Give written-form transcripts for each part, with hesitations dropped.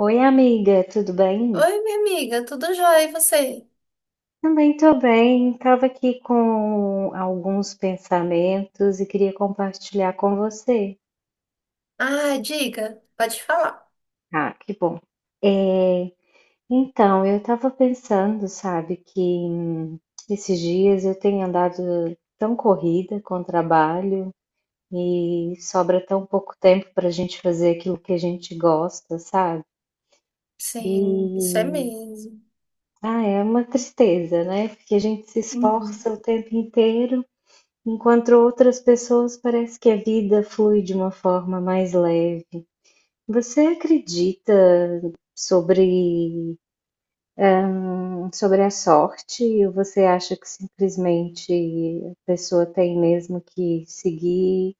Oi, amiga, tudo bem? Oi, minha amiga, tudo jóia, e você? Também tô bem. Estava aqui com alguns pensamentos e queria compartilhar com você. Ah, diga, pode falar. Ah, que bom. É, então, eu estava pensando, sabe, que esses dias eu tenho andado tão corrida com o trabalho e sobra tão pouco tempo para a gente fazer aquilo que a gente gosta, sabe? E Sim, isso é mesmo. ah, é uma tristeza, né? Porque a gente se Uhum. esforça o tempo inteiro. Enquanto outras pessoas, parece que a vida flui de uma forma mais leve. Você acredita sobre, sobre a sorte, ou você acha que simplesmente a pessoa tem mesmo que seguir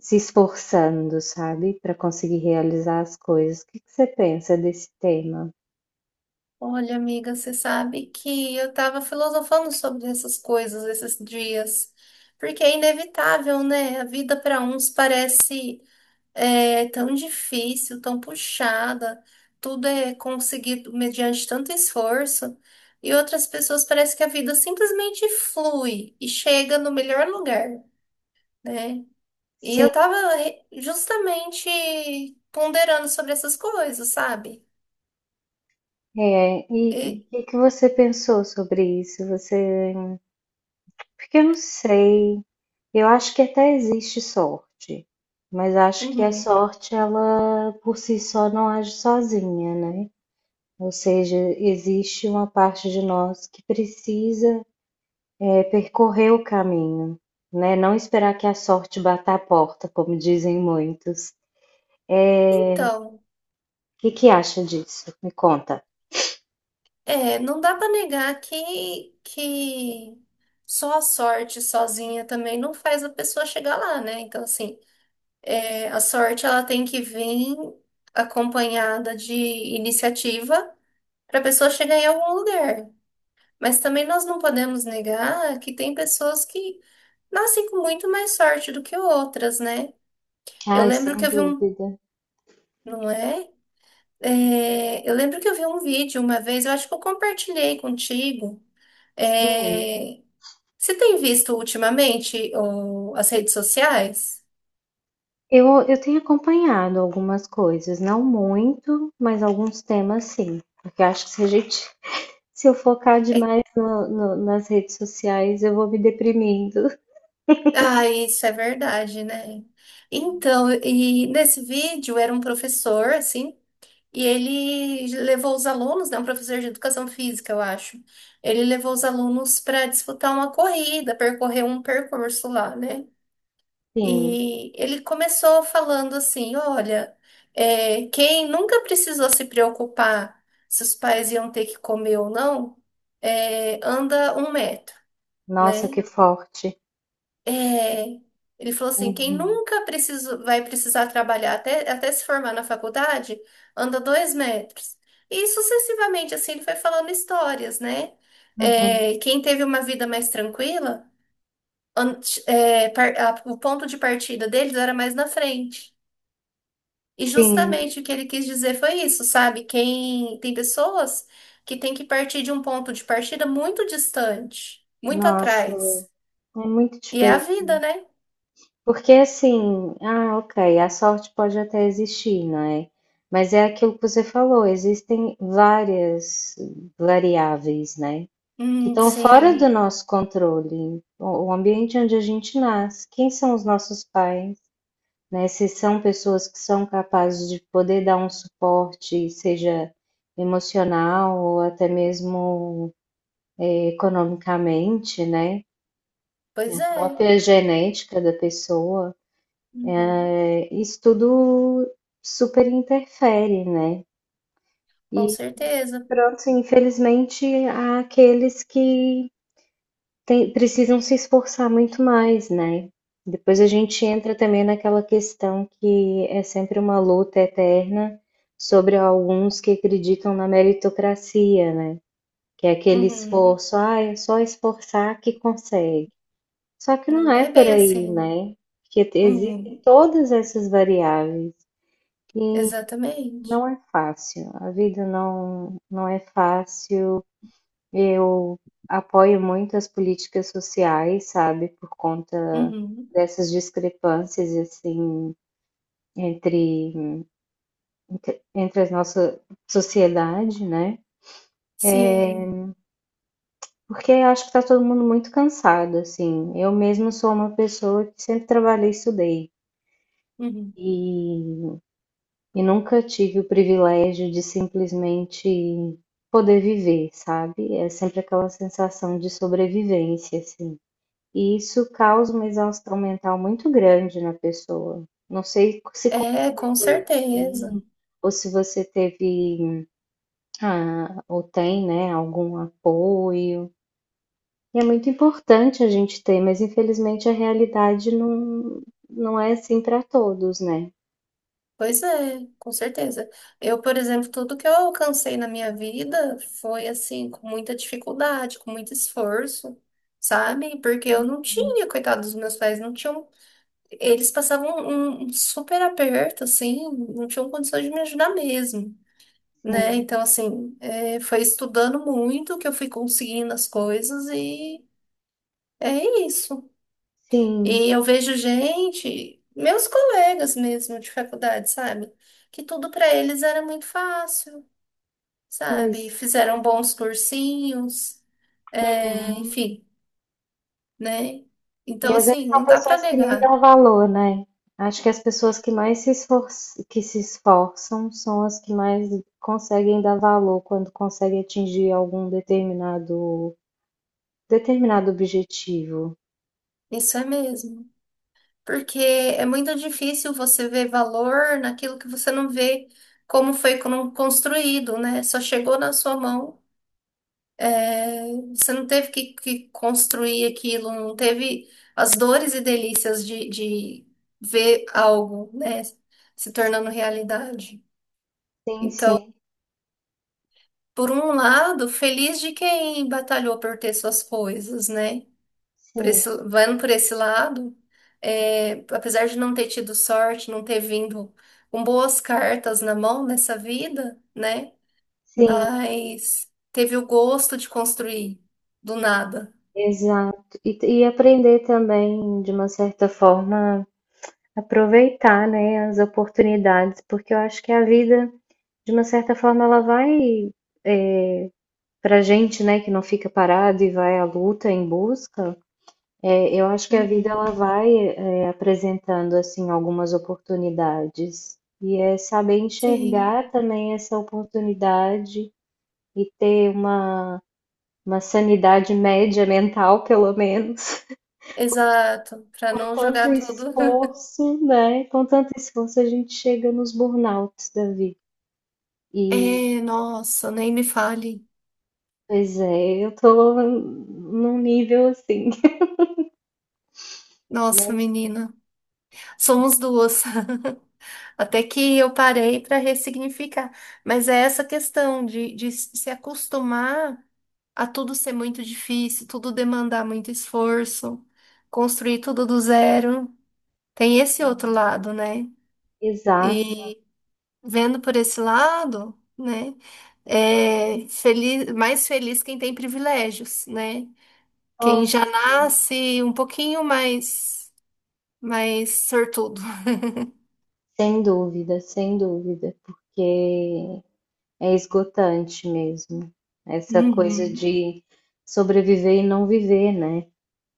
se esforçando, sabe, para conseguir realizar as coisas? O que que você pensa desse tema? Olha, amiga, você sabe que eu tava filosofando sobre essas coisas esses dias, porque é inevitável, né? A vida para uns parece tão difícil, tão puxada, tudo é conseguido mediante tanto esforço, e outras pessoas parece que a vida simplesmente flui e chega no melhor lugar, né? E Sim, eu tava justamente ponderando sobre essas coisas, sabe? é. E o E- que que você pensou sobre isso? Você... Porque eu não sei, eu acho que até existe sorte, mas acho que a uhum. sorte, ela por si só não age sozinha, né? Ou seja, existe uma parte de nós que precisa, é, percorrer o caminho, né? Não esperar que a sorte bata a porta, como dizem muitos. O Então, que que acha disso? Me conta. Não dá pra negar que só a sorte sozinha também não faz a pessoa chegar lá, né? Então, assim, a sorte ela tem que vir acompanhada de iniciativa para a pessoa chegar em algum lugar. Mas também nós não podemos negar que tem pessoas que nascem com muito mais sorte do que outras, né? Eu Ai, lembro que sem eu vi um. dúvida. Não é? É, eu lembro que eu vi um vídeo uma vez, eu acho que eu compartilhei contigo. Sim. É, você tem visto ultimamente as redes sociais? Eu tenho acompanhado algumas coisas, não muito, mas alguns temas sim. Porque eu acho que se a gente, se eu focar É- demais nas redes sociais, eu vou me deprimindo. ah, isso é verdade, né? Então, e nesse vídeo era um professor, assim, e ele levou os alunos, né? Um professor de educação física, eu acho. Ele levou os alunos para disputar uma corrida, percorrer um percurso lá, né? Sim, E ele começou falando assim: olha, quem nunca precisou se preocupar se os pais iam ter que comer ou não, anda um metro, nossa, né? que forte. É, ele falou assim: quem Uhum, nunca precisou, vai precisar trabalhar até se formar na faculdade, anda dois metros. E sucessivamente, assim, ele foi falando histórias, né? uhum. É, quem teve uma vida mais tranquila, o ponto de partida deles era mais na frente. E Sim, justamente o que ele quis dizer foi isso, sabe? Quem tem pessoas que têm que partir de um ponto de partida muito distante, muito nossa, atrás. é muito E é a difícil. vida, né? Porque assim, ah, ok, a sorte pode até existir, não é? Mas é aquilo que você falou, existem várias variáveis, né? Que estão fora do Sim, nosso controle, o ambiente onde a gente nasce, quem são os nossos pais, né? Se são pessoas que são capazes de poder dar um suporte, seja emocional ou até mesmo economicamente, né? pois A é. própria genética da pessoa, Uhum, é, isso tudo super interfere, né? com E certeza. pronto, infelizmente há aqueles que precisam se esforçar muito mais, né? Depois a gente entra também naquela questão que é sempre uma luta eterna sobre alguns que acreditam na meritocracia, né? Que é aquele Uhum, esforço, ah, é só esforçar que consegue. Só que não não é é por bem aí, assim. né? Porque existem Uhum, todas essas variáveis e não exatamente. é fácil. A vida não, não é fácil. Eu apoio muito as políticas sociais, sabe, por conta Uhum, dessas discrepâncias, assim, entre, entre a nossa sociedade, né? sim. Porque eu acho que tá todo mundo muito cansado, assim. Eu mesmo sou uma pessoa que sempre trabalhei e estudei. Uhum. E, e nunca tive o privilégio de simplesmente poder viver, sabe? É sempre aquela sensação de sobrevivência, assim. E isso causa uma exaustão mental muito grande na pessoa. Não sei se comigo É, com certeza. assim, ou se você teve, ah, ou tem, né, algum apoio. E é muito importante a gente ter, mas infelizmente a realidade não, não é assim para todos, né. Pois é, com certeza. Eu, por exemplo, tudo que eu alcancei na minha vida foi assim, com muita dificuldade, com muito esforço, sabe? Porque eu não tinha, coitado dos meus pais, não tinham. Eles passavam um super aperto, assim, não tinham condições de me ajudar mesmo, né? Então, Sim, assim, é, foi estudando muito que eu fui conseguindo as coisas e é isso. sim, E eu vejo gente, meus colegas mesmo de faculdade, sabe? Que tudo pra eles era muito fácil, sabe? pois. Fizeram bons cursinhos, é, Uhum. enfim, né? E Então, às vezes assim, são não dá pra pessoas que nem negar. dão valor, né. Acho que as pessoas que mais se esfor que se esforçam são as que mais conseguem dar valor quando conseguem atingir algum determinado objetivo. Isso é mesmo. Porque é muito difícil você ver valor naquilo que você não vê como foi construído, né? Só chegou na sua mão. É, você não teve que construir aquilo, não teve as dores e delícias de ver algo, né, se tornando Sim, realidade. sim, Então, sim, por um lado, feliz de quem batalhou por ter suas coisas, né? Por sim, esse, vendo por esse lado, é, apesar de não ter tido sorte, não ter vindo com boas cartas na mão nessa vida, né? sim, Mas teve o gosto de construir do nada. exato. E aprender também, de uma certa forma, aproveitar, né, as oportunidades, porque eu acho que a vida, de uma certa forma, ela vai... Pra gente, né, que não fica parado e vai à luta em busca, é, eu acho que a vida, Uhum. ela vai, é, apresentando assim algumas oportunidades, e é saber Sim, enxergar também essa oportunidade e ter uma sanidade média mental, pelo menos. exato, para Com não tanto jogar tudo. esforço, né? Com tanto esforço a gente chega nos burnouts da vida. E, É, nossa, nem me fale. pois é, eu tô num nível assim, Nossa, mas menina, somos duas. Até que eu parei para ressignificar. Mas é essa questão de se acostumar a tudo ser muito difícil, tudo demandar muito esforço, construir tudo do zero. Tem esse outro lado, né? exato. E vendo por esse lado, né? É feliz, mais feliz quem tem privilégios, né? Quem Nossa, já nasce um pouquinho mais sortudo. sem dúvida, sem dúvida, porque é esgotante mesmo. Essa coisa Uhum, de sobreviver e não viver, né?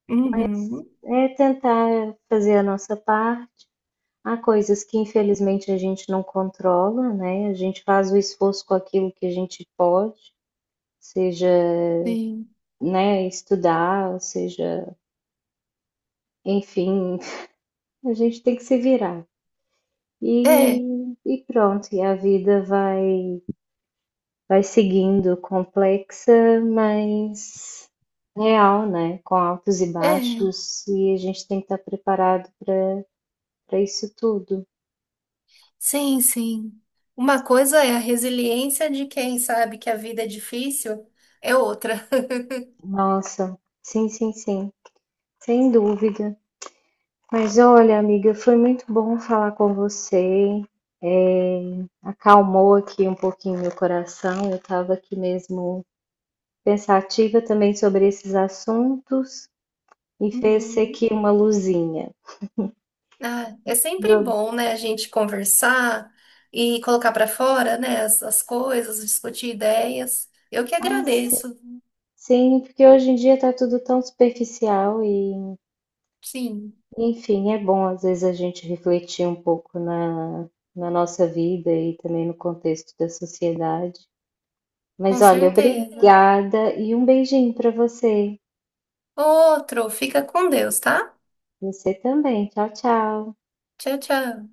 uhum, É tentar fazer a nossa parte. Há coisas que infelizmente a gente não controla, né? A gente faz o esforço com aquilo que a gente pode, seja, sim. né, estudar, ou seja, enfim, a gente tem que se virar. É, E pronto, e a vida vai vai seguindo, complexa, mas real, né? Com altos e é, baixos, e a gente tem que estar preparado para para isso tudo. sim, sim. Uma coisa é a resiliência de quem sabe que a vida é difícil, é outra. Nossa, sim, sim, sim, sem dúvida. Mas olha, amiga, foi muito bom falar com você. É, acalmou aqui um pouquinho meu coração. Eu estava aqui mesmo pensativa também sobre esses assuntos e fez Uhum. aqui uma luzinha. Ah, é sempre bom, né, a gente conversar e colocar para fora, né, as coisas, discutir ideias. Eu que Mas agradeço, sim, porque hoje em dia tá tudo tão superficial e, sim, enfim, é bom às vezes a gente refletir um pouco na, na nossa vida e também no contexto da sociedade. Mas com olha, certeza. obrigada e um beijinho pra você. Outro, fica com Deus, tá? Você também. Tchau, tchau. Tchau, tchau.